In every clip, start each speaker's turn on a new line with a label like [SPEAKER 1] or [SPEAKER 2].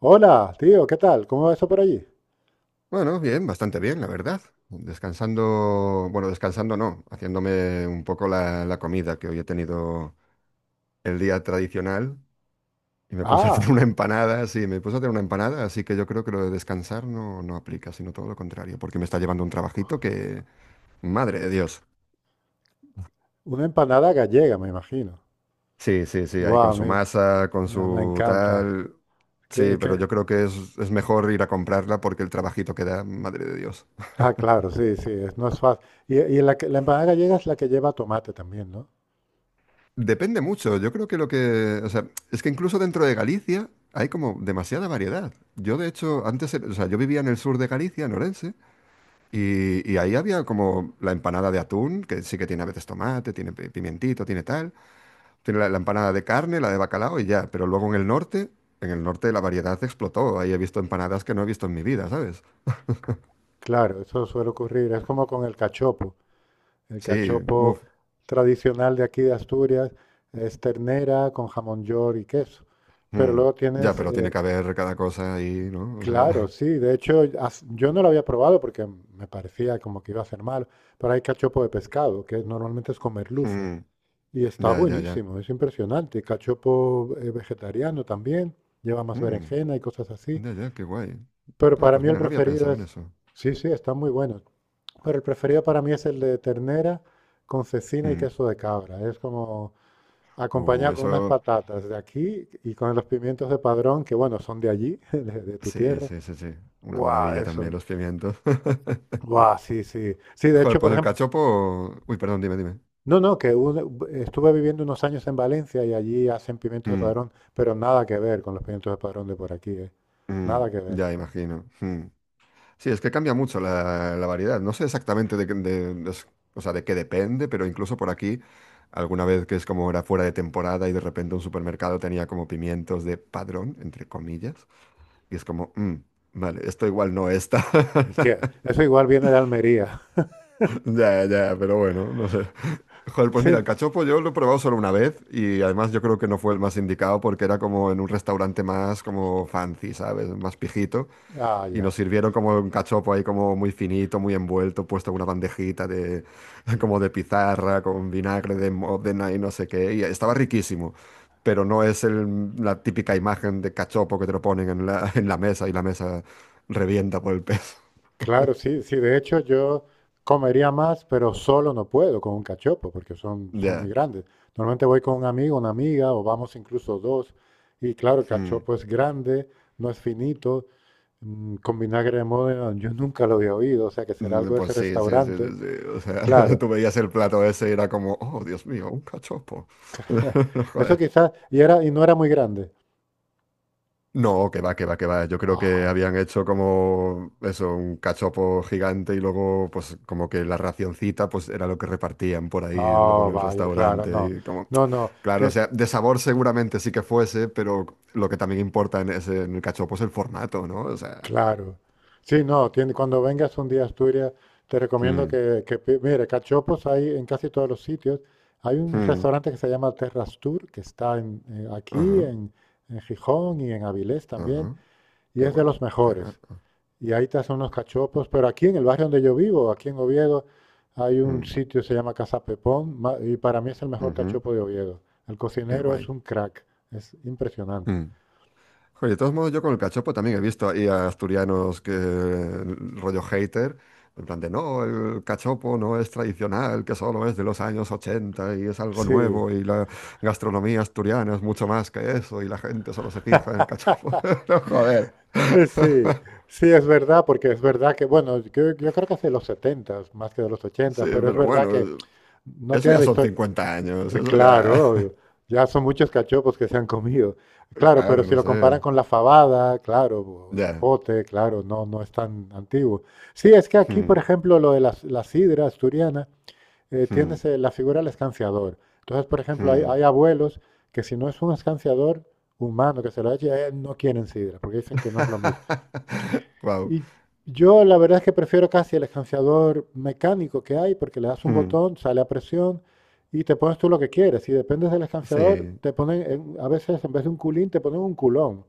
[SPEAKER 1] Hola, tío, ¿qué tal? ¿Cómo va eso por allí?
[SPEAKER 2] Bueno, bien, bastante bien, la verdad. Descansando, bueno, descansando no, haciéndome un poco la comida, que hoy he tenido el día tradicional y me puse a hacer
[SPEAKER 1] Ah,
[SPEAKER 2] una empanada, sí, me puse a hacer una empanada, así que yo creo que lo de descansar no, no aplica, sino todo lo contrario, porque me está llevando un trabajito que, madre de Dios.
[SPEAKER 1] una empanada gallega, me imagino.
[SPEAKER 2] Sí, sí, sí, ahí
[SPEAKER 1] Guau,
[SPEAKER 2] con su masa, con
[SPEAKER 1] ah, me
[SPEAKER 2] su
[SPEAKER 1] encanta.
[SPEAKER 2] tal, sí,
[SPEAKER 1] Que-
[SPEAKER 2] pero
[SPEAKER 1] que-
[SPEAKER 2] yo creo que es mejor ir a comprarla porque el trabajito que da, madre de Dios.
[SPEAKER 1] Ah, claro, sí, sí, no es fácil. Y, la empanada gallega es la que lleva tomate también, ¿no?
[SPEAKER 2] Depende mucho. Yo creo que lo que, o sea, es que incluso dentro de Galicia hay como demasiada variedad. Yo de hecho antes, o sea, yo vivía en el sur de Galicia, en Orense, y ahí había como la empanada de atún, que sí que tiene a veces tomate, tiene pimientito, tiene tal, tiene la empanada de carne, la de bacalao y ya. Pero luego en el norte la variedad explotó. Ahí he visto empanadas que no he visto en mi vida, ¿sabes?
[SPEAKER 1] Claro, eso suele ocurrir. Es como con el cachopo. El
[SPEAKER 2] Sí,
[SPEAKER 1] cachopo
[SPEAKER 2] uff,
[SPEAKER 1] tradicional de aquí de Asturias es ternera con jamón york y queso. Pero luego
[SPEAKER 2] ya,
[SPEAKER 1] tienes,
[SPEAKER 2] pero tiene
[SPEAKER 1] eh,
[SPEAKER 2] que haber cada cosa ahí, ¿no? O
[SPEAKER 1] Claro,
[SPEAKER 2] sea,
[SPEAKER 1] sí. De hecho, yo no lo había probado porque me parecía como que iba a ser malo, pero hay cachopo de pescado, que normalmente es con merluza,
[SPEAKER 2] mm,
[SPEAKER 1] y está
[SPEAKER 2] ya, ya, ya,
[SPEAKER 1] buenísimo, es impresionante. Cachopo vegetariano también, lleva más
[SPEAKER 2] mm,
[SPEAKER 1] berenjena y cosas así,
[SPEAKER 2] ya, ya, qué guay.
[SPEAKER 1] pero
[SPEAKER 2] Ah,
[SPEAKER 1] para
[SPEAKER 2] pues
[SPEAKER 1] mí el
[SPEAKER 2] mira, no había
[SPEAKER 1] preferido
[SPEAKER 2] pensado en
[SPEAKER 1] es,
[SPEAKER 2] eso.
[SPEAKER 1] sí, sí, está muy bueno, pero el preferido para mí es el de ternera con cecina y
[SPEAKER 2] Mm.
[SPEAKER 1] queso de cabra. Es como acompañado con unas
[SPEAKER 2] Eso,
[SPEAKER 1] patatas de aquí y con los pimientos de Padrón, que bueno, son de allí, de tu
[SPEAKER 2] sí,
[SPEAKER 1] tierra.
[SPEAKER 2] sí, sí, sí. Una
[SPEAKER 1] ¡Guau!
[SPEAKER 2] maravilla también
[SPEAKER 1] Eso,
[SPEAKER 2] los pimientos.
[SPEAKER 1] buah, sí, sí. Sí, de
[SPEAKER 2] Joder,
[SPEAKER 1] hecho, por
[SPEAKER 2] pues el
[SPEAKER 1] ejemplo,
[SPEAKER 2] cachopo... Uy, perdón, dime, dime.
[SPEAKER 1] no, no, estuve viviendo unos años en Valencia y allí hacen pimientos de
[SPEAKER 2] Mm,
[SPEAKER 1] Padrón, pero nada que ver con los pimientos de Padrón de por aquí, ¿eh?
[SPEAKER 2] mm,
[SPEAKER 1] Nada que ver.
[SPEAKER 2] ya imagino. Mm. Sí, es que cambia mucho la variedad. No sé exactamente de, qué- de s- o sea, de qué depende, pero incluso por aquí, alguna vez que es como era fuera de temporada y de repente un supermercado tenía como pimientos de Padrón, entre comillas, y es como, vale, esto igual no está.
[SPEAKER 1] Que eso igual viene de Almería.
[SPEAKER 2] Ya, ya, pero bueno, no sé. Joder, pues
[SPEAKER 1] Sí,
[SPEAKER 2] mira, el cachopo yo lo he probado solo una vez y además yo creo que no fue el más indicado porque era como en un restaurante más como fancy, ¿sabes? Más pijito
[SPEAKER 1] ah,
[SPEAKER 2] y nos
[SPEAKER 1] ya.
[SPEAKER 2] sirvieron como un cachopo ahí como muy finito, muy envuelto, puesto en una bandejita de como de pizarra con vinagre de Módena y no sé qué y estaba riquísimo, pero no es la típica imagen de cachopo que te lo ponen en la, en la mesa y la mesa revienta por el peso.
[SPEAKER 1] Claro, sí, sí. De hecho, yo comería más, pero solo no puedo con un cachopo, porque son muy
[SPEAKER 2] Ya.
[SPEAKER 1] grandes. Normalmente voy con un amigo, una amiga, o vamos incluso dos. Y claro, el
[SPEAKER 2] Mm.
[SPEAKER 1] cachopo es grande, no es finito. Con vinagre de Módena, yo nunca lo había oído, o sea que será
[SPEAKER 2] Mm,
[SPEAKER 1] algo de
[SPEAKER 2] Pues
[SPEAKER 1] ese
[SPEAKER 2] sí, sí, sí,
[SPEAKER 1] restaurante.
[SPEAKER 2] sí, sí. O sea,
[SPEAKER 1] Claro.
[SPEAKER 2] tú veías el plato ese y era como, oh, Dios mío, un cachopo. No,
[SPEAKER 1] Eso
[SPEAKER 2] Joder.
[SPEAKER 1] quizás, y no era muy grande.
[SPEAKER 2] No, que va, que va, que va. Yo creo que
[SPEAKER 1] Ah,
[SPEAKER 2] habían hecho como eso, un cachopo gigante y luego, pues, como que la racioncita, pues, era lo que repartían por ahí, luego
[SPEAKER 1] ah,
[SPEAKER 2] en el
[SPEAKER 1] vaya, claro,
[SPEAKER 2] restaurante.
[SPEAKER 1] no.
[SPEAKER 2] Y como,
[SPEAKER 1] No, no,
[SPEAKER 2] claro, o sea, de sabor seguramente sí que fuese, pero lo que también importa en ese, en el cachopo es el formato, ¿no? O sea.
[SPEAKER 1] claro. Sí, no, tiene, cuando vengas un día a Asturias, te recomiendo
[SPEAKER 2] Mm,
[SPEAKER 1] que mire, cachopos hay en casi todos los sitios. Hay un
[SPEAKER 2] mm,
[SPEAKER 1] restaurante que se llama Terrastur, que está en, eh, aquí,
[SPEAKER 2] ajá,
[SPEAKER 1] en, en Gijón y en Avilés también,
[SPEAKER 2] ajá,
[SPEAKER 1] y
[SPEAKER 2] qué
[SPEAKER 1] es de
[SPEAKER 2] guay.
[SPEAKER 1] los
[SPEAKER 2] Cerra-
[SPEAKER 1] mejores. Y ahí te hacen unos cachopos, pero aquí en el barrio donde yo vivo, aquí en Oviedo, hay un
[SPEAKER 2] mm,
[SPEAKER 1] sitio que se llama Casa Pepón y para mí es el mejor
[SPEAKER 2] ujú.
[SPEAKER 1] cachopo de Oviedo. El
[SPEAKER 2] Qué
[SPEAKER 1] cocinero es
[SPEAKER 2] guay.
[SPEAKER 1] un crack, es impresionante.
[SPEAKER 2] Mm. Joder, de todos modos, yo con el cachopo también he visto ahí a asturianos que rollo hater, en plan de no, el cachopo no es tradicional, que solo es de los años 80 y es algo
[SPEAKER 1] Sí,
[SPEAKER 2] nuevo y la gastronomía asturiana es mucho más que eso y la gente solo se fija en el cachopo. No, joder.
[SPEAKER 1] eh, sí, sí, es verdad, porque es verdad que, bueno, yo creo que hace los 70 más que de los
[SPEAKER 2] Sí,
[SPEAKER 1] 80, pero es
[SPEAKER 2] pero
[SPEAKER 1] verdad que
[SPEAKER 2] bueno,
[SPEAKER 1] no
[SPEAKER 2] eso
[SPEAKER 1] tiene
[SPEAKER 2] ya
[SPEAKER 1] la
[SPEAKER 2] son
[SPEAKER 1] historia.
[SPEAKER 2] 50 años, eso ya,
[SPEAKER 1] Claro, ya son muchos cachopos que se han comido. Claro, pero
[SPEAKER 2] claro,
[SPEAKER 1] si
[SPEAKER 2] no
[SPEAKER 1] lo comparan
[SPEAKER 2] sé,
[SPEAKER 1] con la fabada, claro, o el
[SPEAKER 2] ya.
[SPEAKER 1] pote, claro, no, no es tan antiguo. Sí, es que aquí, por
[SPEAKER 2] Hmm,
[SPEAKER 1] ejemplo, lo de la sidra asturiana, eh,
[SPEAKER 2] hmm,
[SPEAKER 1] tienes eh, la figura del escanciador. Entonces, por ejemplo, hay,
[SPEAKER 2] hmm.
[SPEAKER 1] hay abuelos que si no es un escanciador humano que se lo eche, no quieren sidra, porque dicen que no es lo mismo.
[SPEAKER 2] Wow.
[SPEAKER 1] Y yo la verdad es que prefiero casi el escanciador mecánico que hay, porque le das un
[SPEAKER 2] Hmm,
[SPEAKER 1] botón, sale a presión y te pones tú lo que quieres. Si dependes del escanciador,
[SPEAKER 2] Sí.
[SPEAKER 1] te ponen, a veces en vez de un culín, te ponen un culón.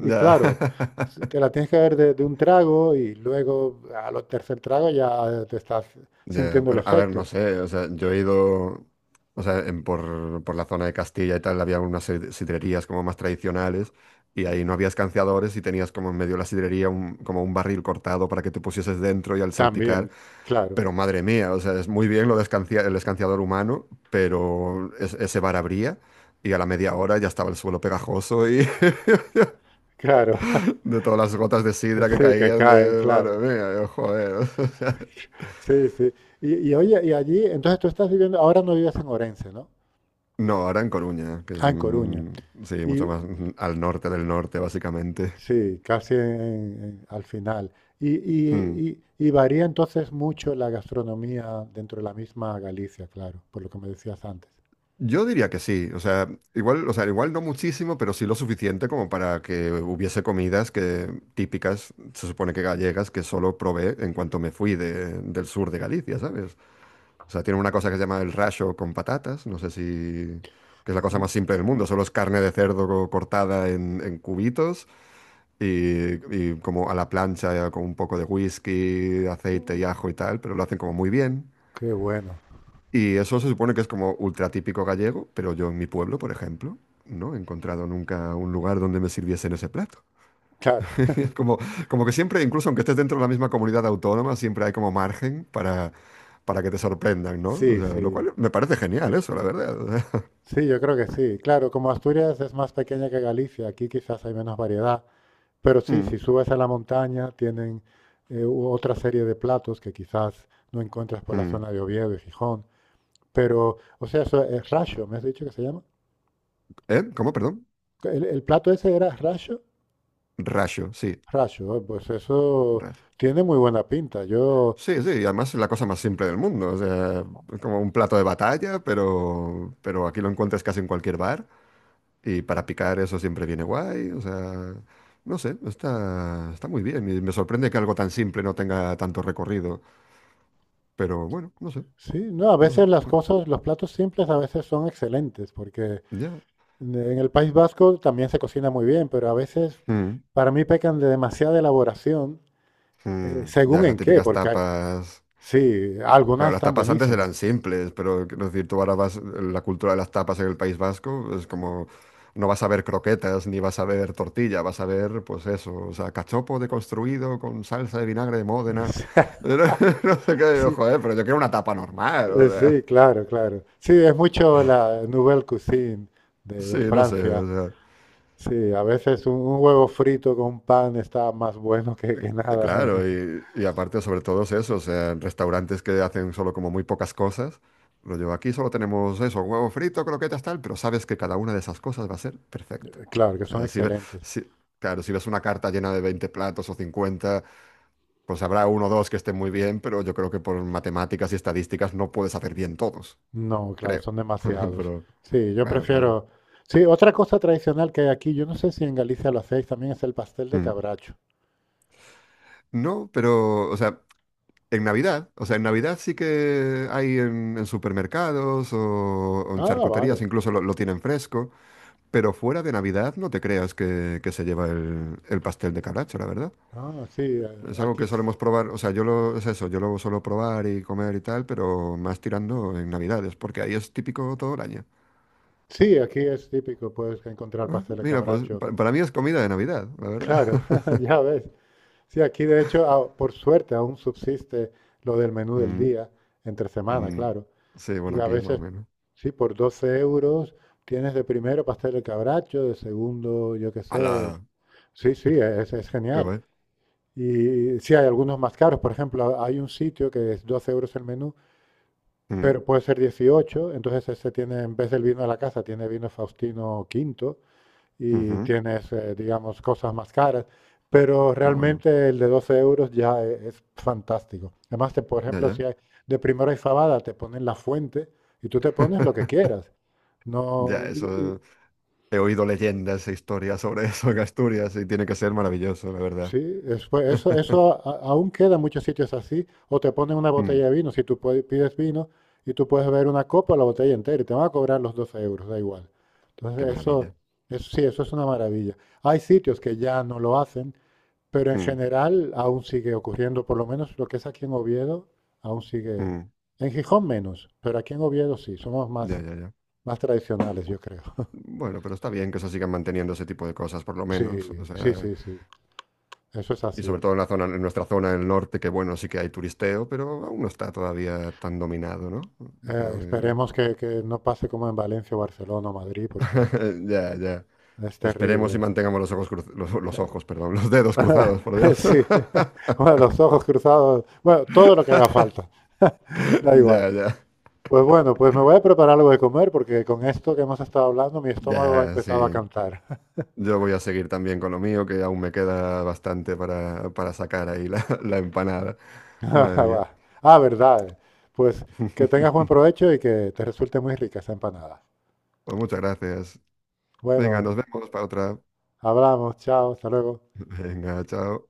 [SPEAKER 1] Y claro, te la tienes que ver de, un trago y luego a los tercer trago ya te estás
[SPEAKER 2] Ya,
[SPEAKER 1] sintiendo el
[SPEAKER 2] pero a ver, no
[SPEAKER 1] efecto.
[SPEAKER 2] sé, o sea, yo he ido, o sea, por, la zona de Castilla y tal, había unas sidrerías como más tradicionales y ahí no había escanciadores y tenías como en medio de la sidrería como un barril cortado para que te pusieses dentro y al salpicar,
[SPEAKER 1] También, claro,
[SPEAKER 2] pero madre mía, o sea, es muy bien lo de el escanciador humano, pero ese bar abría y a la media hora ya estaba el suelo pegajoso y
[SPEAKER 1] claro.
[SPEAKER 2] de todas las gotas de sidra que
[SPEAKER 1] Sí, que
[SPEAKER 2] caían
[SPEAKER 1] caen,
[SPEAKER 2] de,
[SPEAKER 1] claro.
[SPEAKER 2] madre mía, yo, joder.
[SPEAKER 1] Sí, sí. Y oye, y allí, entonces tú estás viviendo, ahora no vives en Orense, ¿no?
[SPEAKER 2] No, ahora en Coruña, que es,
[SPEAKER 1] Ah, en Coruña.
[SPEAKER 2] sí,
[SPEAKER 1] Y,
[SPEAKER 2] mucho más al norte del norte, básicamente.
[SPEAKER 1] Sí, casi al final. Y,
[SPEAKER 2] Mm.
[SPEAKER 1] y- y varía entonces mucho la gastronomía dentro de la misma Galicia, claro, por lo que me decías antes.
[SPEAKER 2] Yo diría que sí, o sea, igual no muchísimo, pero sí lo suficiente como para que hubiese comidas que típicas, se supone que gallegas, que solo probé en cuanto me fui del sur de Galicia, ¿sabes? O sea, tienen una cosa que se llama el racho con patatas, no sé si... que es la cosa
[SPEAKER 1] Mm,
[SPEAKER 2] más simple del mundo, solo es carne de cerdo cortada en cubitos y como a la plancha con un poco de whisky, aceite y ajo
[SPEAKER 1] uf,
[SPEAKER 2] y tal, pero lo hacen como muy bien.
[SPEAKER 1] qué bueno.
[SPEAKER 2] Y eso se supone que es como ultra típico gallego, pero yo en mi pueblo, por ejemplo, no he encontrado nunca un lugar donde me sirviesen ese plato.
[SPEAKER 1] Claro,
[SPEAKER 2] Es como, como que siempre, incluso aunque estés dentro de la misma comunidad autónoma, siempre hay como margen para que te sorprendan, ¿no? O
[SPEAKER 1] sí,
[SPEAKER 2] sea, lo
[SPEAKER 1] sí.
[SPEAKER 2] cual me parece genial eso, la verdad. O sea,
[SPEAKER 1] Sí, yo creo que sí. Claro, como Asturias es más pequeña que Galicia, aquí quizás hay menos variedad, pero sí,
[SPEAKER 2] mm,
[SPEAKER 1] si subes a la montaña tienen otra serie de platos que quizás no encuentras por la
[SPEAKER 2] mm.
[SPEAKER 1] zona de Oviedo y Gijón. Pero, o sea, eso es rasho, ¿me has dicho que se llama?
[SPEAKER 2] ¿Eh? ¿Cómo? Perdón.
[SPEAKER 1] El plato ese era racho,
[SPEAKER 2] Rayo, sí.
[SPEAKER 1] racho, ah, pues eso
[SPEAKER 2] Rayo.
[SPEAKER 1] tiene muy buena pinta. Yo,
[SPEAKER 2] Sí, sí, y además es la cosa más simple del mundo. O sea, es como un plato de batalla, pero aquí lo encuentras casi en cualquier bar. Y para picar eso siempre viene guay. O sea, no sé, está muy bien. Y me sorprende que algo tan simple no tenga tanto recorrido. Pero bueno, no sé,
[SPEAKER 1] sí, no, a
[SPEAKER 2] no sé.
[SPEAKER 1] veces las cosas, los platos simples a veces son excelentes, porque
[SPEAKER 2] Ya.
[SPEAKER 1] en el País Vasco también se cocina muy bien, pero a veces
[SPEAKER 2] Mm,
[SPEAKER 1] para mí pecan de demasiada elaboración,
[SPEAKER 2] mm. Ya,
[SPEAKER 1] según
[SPEAKER 2] las
[SPEAKER 1] en qué,
[SPEAKER 2] típicas
[SPEAKER 1] porque
[SPEAKER 2] tapas.
[SPEAKER 1] sí, algunas
[SPEAKER 2] Claro, las
[SPEAKER 1] están
[SPEAKER 2] tapas antes
[SPEAKER 1] buenísimas.
[SPEAKER 2] eran simples, pero quiero decir, tú ahora vas, la cultura de las tapas en el País Vasco es como, no vas a ver croquetas ni vas a ver tortilla, vas a ver, pues eso, o sea, cachopo deconstruido con salsa de vinagre de
[SPEAKER 1] O
[SPEAKER 2] Módena.
[SPEAKER 1] sea,
[SPEAKER 2] No, sé qué,
[SPEAKER 1] sí,
[SPEAKER 2] joder, pero yo quiero una tapa normal, o
[SPEAKER 1] eh,
[SPEAKER 2] sea.
[SPEAKER 1] sí, claro, claro. Sí, es mucho la nouvelle cuisine de,
[SPEAKER 2] Sí,
[SPEAKER 1] de
[SPEAKER 2] no sé,
[SPEAKER 1] Francia.
[SPEAKER 2] o sea.
[SPEAKER 1] Sí, a veces un huevo frito con pan está más bueno que nada en el
[SPEAKER 2] Claro,
[SPEAKER 1] mundo.
[SPEAKER 2] y aparte sobre todo es eso, o sea, en restaurantes que hacen solo como muy pocas cosas, lo llevo aquí, solo tenemos eso, huevo frito, croquetas, tal, pero sabes que cada una de esas cosas va a ser perfecta.
[SPEAKER 1] Claro, que
[SPEAKER 2] O
[SPEAKER 1] son
[SPEAKER 2] sea,
[SPEAKER 1] excelentes.
[SPEAKER 2] si- claro, si ves una carta llena de 20 platos o 50 pues habrá uno o dos que estén muy bien, pero yo creo que por matemáticas y estadísticas no puedes hacer bien todos,
[SPEAKER 1] No, claro,
[SPEAKER 2] creo.
[SPEAKER 1] son demasiados.
[SPEAKER 2] Pero,
[SPEAKER 1] Sí, yo
[SPEAKER 2] claro, claro.
[SPEAKER 1] prefiero... Sí, otra cosa tradicional que hay aquí, yo no sé si en Galicia lo hacéis también, es el pastel de
[SPEAKER 2] Mm.
[SPEAKER 1] cabracho.
[SPEAKER 2] No, pero, o sea, en Navidad, o sea, en Navidad sí que hay en, supermercados o en
[SPEAKER 1] Ah,
[SPEAKER 2] charcuterías,
[SPEAKER 1] vale.
[SPEAKER 2] incluso lo tienen fresco, pero fuera de Navidad no te creas que se lleva el pastel de calacho, la verdad.
[SPEAKER 1] Ah, sí,
[SPEAKER 2] Es algo que solemos probar, o sea, yo lo, es eso, yo lo suelo probar y comer y tal, pero más tirando en Navidades, porque ahí es típico todo el año.
[SPEAKER 1] sí, aquí es típico, puedes encontrar
[SPEAKER 2] Ah,
[SPEAKER 1] pastel de
[SPEAKER 2] mira, pues
[SPEAKER 1] cabracho.
[SPEAKER 2] para mí es comida de Navidad, la verdad.
[SPEAKER 1] Claro, ya ves. Sí, aquí de hecho, ah, por suerte aún subsiste lo del menú del
[SPEAKER 2] Mm,
[SPEAKER 1] día, entre semana,
[SPEAKER 2] mm.
[SPEAKER 1] claro.
[SPEAKER 2] Sí,
[SPEAKER 1] Y
[SPEAKER 2] bueno,
[SPEAKER 1] a
[SPEAKER 2] aquí más o
[SPEAKER 1] veces,
[SPEAKER 2] menos.
[SPEAKER 1] sí, por 12 euros tienes de primero pastel de cabracho, de segundo, yo qué sé.
[SPEAKER 2] ¡Hala!
[SPEAKER 1] Sí, sí, es
[SPEAKER 2] ¡Qué
[SPEAKER 1] genial.
[SPEAKER 2] guay!
[SPEAKER 1] Y sí, hay algunos más caros. Por ejemplo, hay un sitio que es 12 euros el menú,
[SPEAKER 2] Mm,
[SPEAKER 1] pero puede ser 18. Entonces ese tiene, en vez del vino de la casa, tiene vino Faustino V y
[SPEAKER 2] ujú,
[SPEAKER 1] tienes, digamos, cosas más caras. Pero
[SPEAKER 2] ¡Qué bueno!
[SPEAKER 1] realmente el de 12 euros ya es fantástico. Además, te, por
[SPEAKER 2] Ya,
[SPEAKER 1] ejemplo,
[SPEAKER 2] ya.
[SPEAKER 1] si hay de primera y fabada, te ponen la fuente y tú te pones lo que quieras.
[SPEAKER 2] Ya,
[SPEAKER 1] No,
[SPEAKER 2] eso he oído leyendas e historias sobre eso en Asturias y tiene que ser maravilloso, la verdad.
[SPEAKER 1] sí, después, eso, eso a- aún queda en muchos sitios así. O te ponen una botella
[SPEAKER 2] Mm,
[SPEAKER 1] de vino, si tú pides vino y tú puedes beber una copa o la botella entera y te van a cobrar los 12 euros, da igual.
[SPEAKER 2] qué
[SPEAKER 1] Entonces, eso,
[SPEAKER 2] maravilla.
[SPEAKER 1] eso sí, eso es una maravilla. Hay sitios que ya no lo hacen. Pero en
[SPEAKER 2] Mm,
[SPEAKER 1] general aún sigue ocurriendo, por lo menos lo que es aquí en Oviedo, aún sigue.
[SPEAKER 2] mm,
[SPEAKER 1] En Gijón menos, pero aquí en Oviedo sí, somos más,
[SPEAKER 2] ya, ya, ya.
[SPEAKER 1] más tradicionales, yo creo.
[SPEAKER 2] Bueno, pero está bien que se sigan manteniendo ese tipo de cosas, por lo
[SPEAKER 1] Sí,
[SPEAKER 2] menos. O
[SPEAKER 1] sí,
[SPEAKER 2] sea,
[SPEAKER 1] sí, sí, eso es
[SPEAKER 2] y
[SPEAKER 1] así.
[SPEAKER 2] sobre todo en la zona, en nuestra zona del norte, que bueno, sí que hay turisteo, pero aún no está todavía tan dominado, ¿no? Yo creo que.
[SPEAKER 1] Esperemos que no pase como en Valencia, o Barcelona o Madrid, porque
[SPEAKER 2] Ya, ya.
[SPEAKER 1] es
[SPEAKER 2] Esperemos y
[SPEAKER 1] terrible.
[SPEAKER 2] mantengamos los ojos los ojos, perdón, los dedos cruzados, por Dios.
[SPEAKER 1] Sí, bueno, los ojos cruzados, bueno, todo lo que haga falta, da igual.
[SPEAKER 2] Ya, ya.
[SPEAKER 1] Pues bueno, pues me voy a preparar algo de comer porque con esto que hemos estado hablando mi estómago ha
[SPEAKER 2] Ya, sí.
[SPEAKER 1] empezado a cantar.
[SPEAKER 2] Yo voy a seguir también con lo mío, que aún me queda bastante para sacar ahí la, la empanada. Madre mía.
[SPEAKER 1] Ah, verdad. Pues que tengas buen provecho y que te resulte muy rica esa empanada.
[SPEAKER 2] Pues muchas gracias. Venga,
[SPEAKER 1] Bueno,
[SPEAKER 2] nos vemos para otra.
[SPEAKER 1] hablamos, chao, hasta luego.
[SPEAKER 2] Venga, chao.